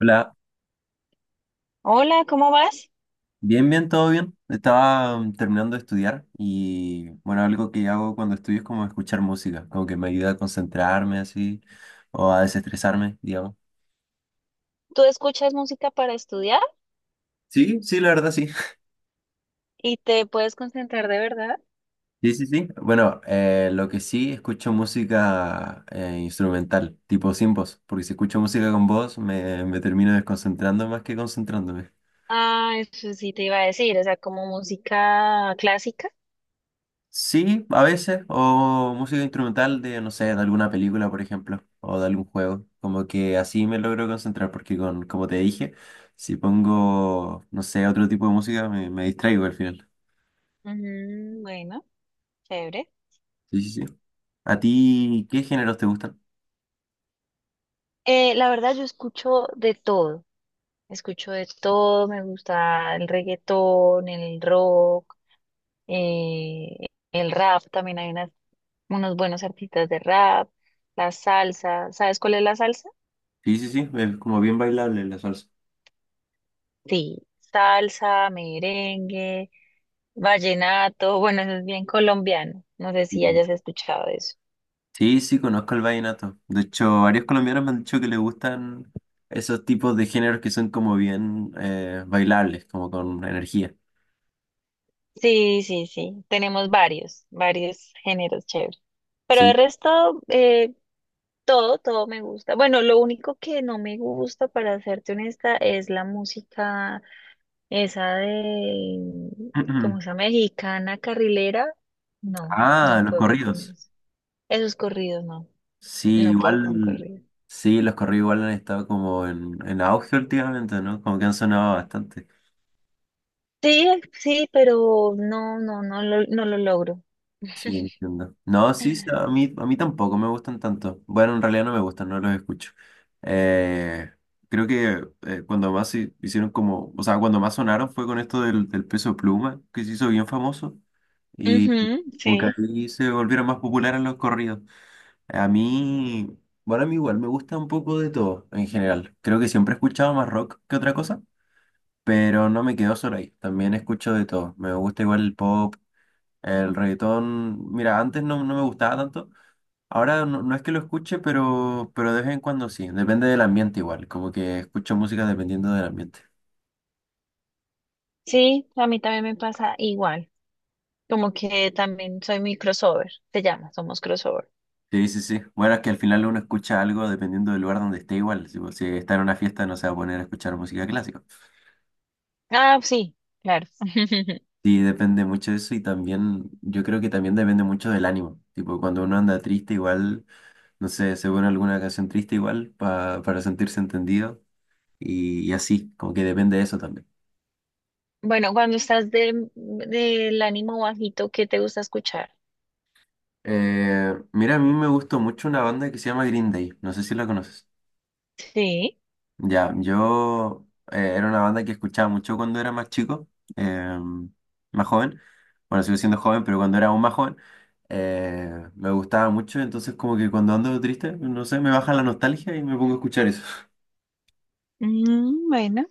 Hola, Hola, ¿cómo vas? bien, bien, todo bien. Estaba terminando de estudiar y bueno, algo que hago cuando estudio es como escuchar música, como que me ayuda a concentrarme así o a desestresarme, digamos. ¿Tú escuchas música para estudiar Sí, sí, la verdad sí. y te puedes concentrar de verdad? Sí, sí, sí. Bueno, lo que sí escucho música instrumental, tipo sin voz, porque si escucho música con voz me termino desconcentrando más que concentrándome. Ah, eso sí te iba a decir, o sea, como música clásica. Sí, a veces, o música instrumental de, no sé, de alguna película, por ejemplo, o de algún juego. Como que así me logro concentrar, porque con, como te dije, si pongo, no sé, otro tipo de música, me distraigo al final. Ujú, bueno, chévere. Sí, sí, sí. ¿A ti qué géneros te gustan? La verdad, yo escucho de todo. Escucho de todo, me gusta el reggaetón, el rock, eh, el rap, también hay unos buenos artistas de rap, la salsa. ¿Sabes cuál es la salsa? Sí, sí, sí, es como bien bailable la salsa. Sí, salsa, merengue. Vallenato, bueno, eso es bien colombiano. No sé si Y- hayas escuchado eso. Sí, sí, conozco el vallenato. De hecho, varios colombianos me han dicho que les gustan esos tipos de géneros que son como bien bailables, como con energía. Sí, sí, sí. Tenemos varios géneros chéveres. Pero el Sí. resto, todo me gusta. Bueno, lo único que no me gusta, para serte honesta, es la música esa de, como esa mexicana carrilera. No, Ah, no los puedo con corridos. eso. Esos corridos, no, Sí, no puedo con igual, corridos. sí, los corridos igual han estado como en auge últimamente, ¿no? Como que han sonado bastante. Sí, sí, pero no, no lo logro. Sí, entiendo. No, sí, sí, a mí tampoco me gustan tanto. Bueno, en realidad no me gustan, no los escucho. Eh, creo que cuando más hicieron como, o sea, cuando más sonaron fue con esto del peso pluma, que se hizo bien famoso, y Ujú, como sí, que ahí se volvieron más populares los corridos. A mí, bueno, a mí igual me gusta un poco de todo en general. Creo que siempre he escuchado más rock que otra cosa, pero no me quedo solo ahí. También escucho de todo. Me gusta igual el pop, el reggaetón. Mira, antes no, no me gustaba tanto. Ahora no, no es que lo escuche, pero de vez en cuando sí. Depende del ambiente igual. Como que escucho música dependiendo del ambiente. sí, a mí también me pasa igual, como que también soy mi crossover, te llama, somos crossover. Sí, sí, sí. Bueno, es que al final uno escucha algo dependiendo del lugar donde esté igual. Si, si está en una fiesta no se va a poner a escuchar música clásica. Ah, sí, claro. Sí, depende mucho de eso y también yo creo que también depende mucho del ánimo. Tipo, cuando uno anda triste igual, no sé, se pone alguna canción triste igual para sentirse entendido y así, como que depende de eso también. Bueno, cuando estás de, del ánimo bajito, ¿qué te gusta escuchar? Mira, a mí me gustó mucho una banda que se llama Green Day, no sé si la conoces. Sí. Ya, yo era una banda que escuchaba mucho cuando era más chico, eh, más joven. Bueno, sigo siendo joven, pero cuando era aún más joven, me gustaba mucho. Entonces, como que cuando ando triste, no sé, me baja la nostalgia y me pongo a escuchar eso. Mm, bueno.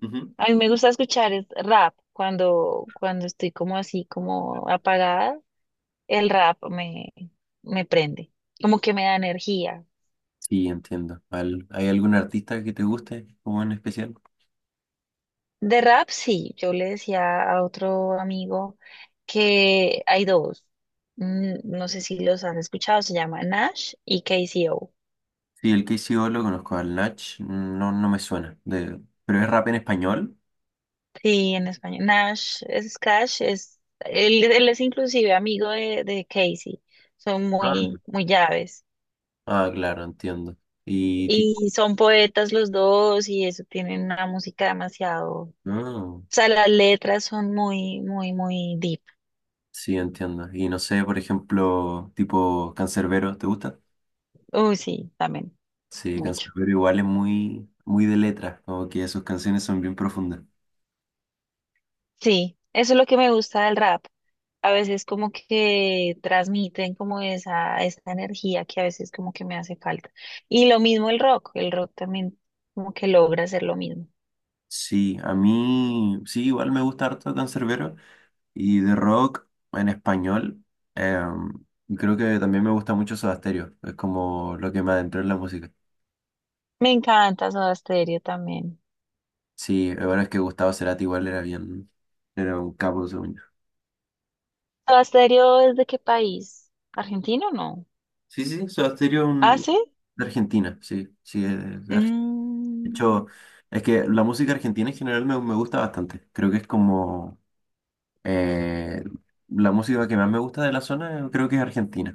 Ujú. A mí me gusta escuchar es rap cuando estoy como así, como apagada, el rap me prende, como que me da energía. Sí, entiendo. ¿Hay algún artista que te guste, como en especial? De rap, sí. Yo le decía a otro amigo que hay dos. Mm, no sé si los han escuchado, se llama Nash y KCO. Sí, el KCO lo conozco, al Nach, no, no me suena. De, ¿pero es rap en español? Sí, en español. Nash es Cash, es, él es inclusive amigo de Casey. Son Ah, muy, muy llaves. Ah, claro, entiendo. Y tipo, Y son poetas los dos y eso tienen una música demasiado. O no. sea, las letras son muy, muy, muy deep. Sí, entiendo. Y no sé, por ejemplo, tipo Cancerbero, ¿te gusta? Uy, sí, también, Sí, mucho. Cancerbero igual es muy, muy de letras, como que sus canciones son bien profundas. Sí, eso es lo que me gusta del rap. A veces como que transmiten como esa energía que a veces como que me hace falta. Y lo mismo el rock también como que logra hacer lo mismo. Sí, a mí, sí, igual me gusta harto Cancerbero y de rock en español. eh, y creo que también me gusta mucho Soda Stereo, es como lo que me adentré en la música. Me encanta Soda Stereo también. Sí, la verdad es que Gustavo Cerati igual era bien, era un capo, según yo. ¿Soda Stereo es de qué país? ¿Argentino o no? Sí, sí, Soda Stereo es ¿Ah, un- sí? de Argentina, sí, sí, es de Argentina. De Mm, hecho, es que la música argentina en general me gusta bastante. Creo que es como eh, la música que más me gusta de la zona, creo que es argentina.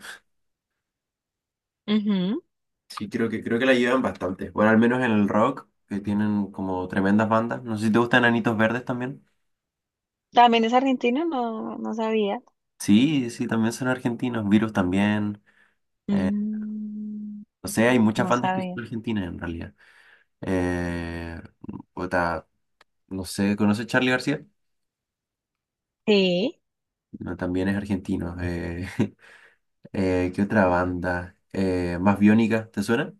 ujú. Sí, creo que la llevan bastante. Bueno, al menos en el rock, que tienen como tremendas bandas. No sé si te gustan Anitos Verdes también. ¿También es argentino? No, no sabía. Sí, sí, también son argentinos. Virus también. Eh, Mm, no sé, hay muchas no bandas que son sabía. argentinas en realidad. Eh, puta, no sé, ¿conoces Charly García? Sí, No, también es argentino. ¿Qué otra banda? ¿Más biónica? ¿Te suena?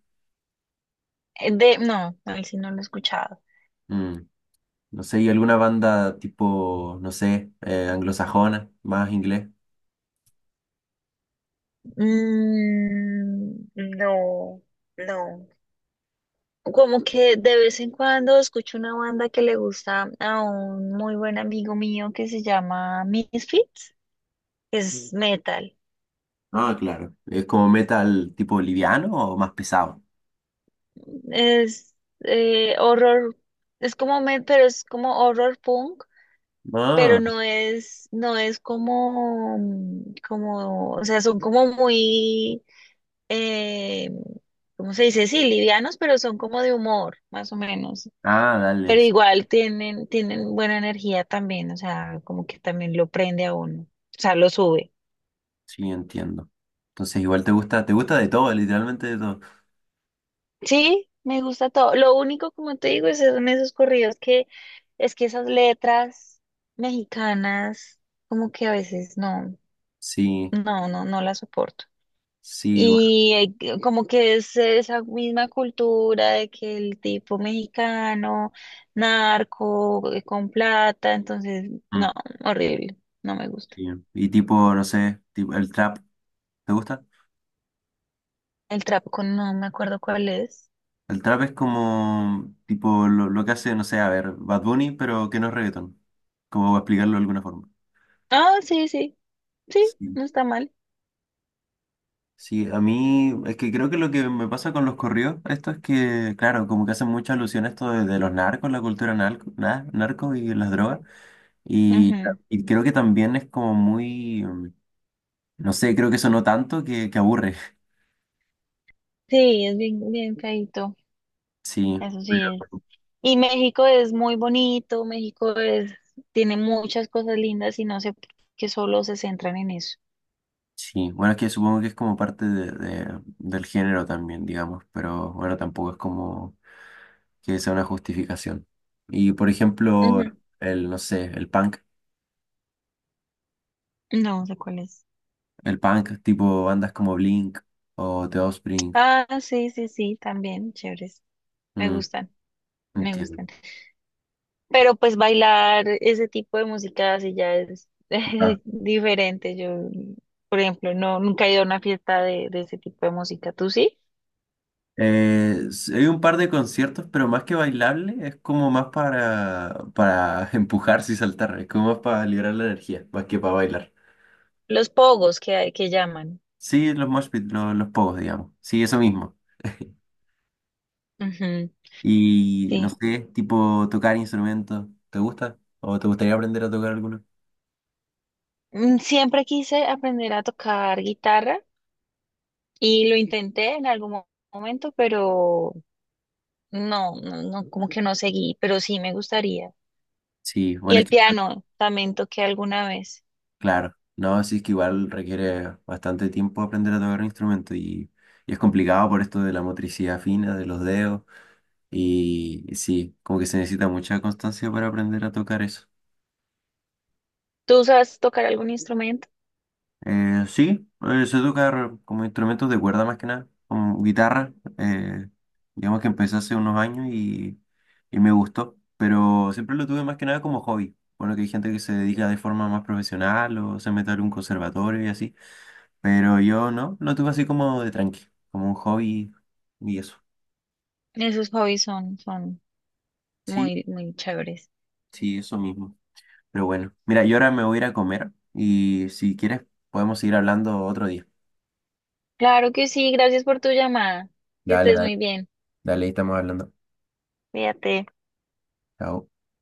no, él sí no lo he escuchado. Mm, no sé, ¿y alguna banda tipo, no sé, anglosajona, más inglés? Mm, no, no. Como que de vez en cuando escucho una banda que le gusta a un muy buen amigo mío que se llama Misfits, es metal. Ah, claro. ¿Es como metal tipo liviano o más pesado? Es horror, es como pero es como horror punk, pero Ah, no es, no es como, mm, como, o sea, son como muy eh, ¿cómo se dice? Sí, livianos, pero son como de humor, más o menos. ah, dale, Pero sí, igual tienen, tienen buena energía también, o sea, como que también lo prende a uno, o sea, lo sube. sí, entiendo. Entonces igual te gusta de todo, literalmente de todo. Sí, me gusta todo. Lo único, como te digo, es son esos corridos que es que esas letras mexicanas, como que a veces Sí, no, no las soporto. sí, bueno, Y como que es esa misma cultura de que el tipo mexicano, narco, con plata, entonces, mm, no, horrible, no me gusta. sí. Y tipo, no sé, tipo, el trap, ¿te gusta? El trapo, no me acuerdo cuál es. El trap es como tipo lo que hace, no sé, a ver, Bad Bunny, pero que no es reggaetón. Como para explicarlo de alguna forma. Ah, sí, sí, sí, Sí. no está mal. Sí, a mí es que creo que lo que me pasa con los corridos, esto es que, claro, como que hacen mucha alusión a esto de los narcos, la cultura narco, narco y las drogas. Y, Ujú. y creo que también es como muy, no sé, creo que sonó tanto que aburre. Sí, es bien, bien feíto, Sí, eso sí pero es. Y México es muy bonito, México es, tiene muchas cosas lindas y no sé por qué solo se centran en eso. sí, bueno, es que supongo que es como parte de, del género también, digamos, pero bueno, tampoco es como que sea una justificación. Y por ejemplo, Ujú. el, no sé, No sé cuál es. el punk tipo bandas como Blink o The Offspring. Ah, sí, sí, sí, también, chéveres. Me Mm, gustan, me gustan. entiendo. Pero pues bailar ese tipo de música así ya es Ah. es diferente. Yo, por ejemplo, no, nunca he ido a una fiesta de ese tipo de música. ¿Tú sí? Hay un par de conciertos, pero más que bailable, es como más para empujarse y saltar, es como más para liberar la energía, más que para bailar. Los pogos que hay, que llaman. Sí, los mosh pit, los, pogos, digamos. Sí, eso mismo. Ujú, Y no sí. sé, tipo tocar instrumentos, ¿te gusta? ¿O te gustaría aprender a tocar alguno? Mm, siempre quise aprender a tocar guitarra y lo intenté en algún momento, pero no, como que no seguí, pero sí me gustaría. Sí, Y bueno, es el que piano también toqué alguna vez. Claro, no, sí es que igual requiere bastante tiempo aprender a tocar un instrumento y es complicado por esto de la motricidad fina, de los dedos y sí, como que se necesita mucha constancia para aprender a tocar eso. ¿Tú sabes tocar algún instrumento? Sí, sé tocar como instrumentos de cuerda más que nada, como guitarra, digamos que empecé hace unos años y me gustó, pero siempre lo tuve más que nada como hobby. Bueno, que hay gente que se dedica de forma más profesional o se mete a un conservatorio y así. Pero yo no, lo tuve así como de tranqui, como un hobby y eso. Esos hobbies son, son Sí, muy, muy chéveres. sí, eso mismo. Pero bueno, mira, yo ahora me voy a ir a comer y si quieres podemos seguir hablando otro día. Claro que sí, gracias por tu llamada. Que Dale, estés dale, muy bien. dale, ahí estamos hablando. Cuídate. Chao.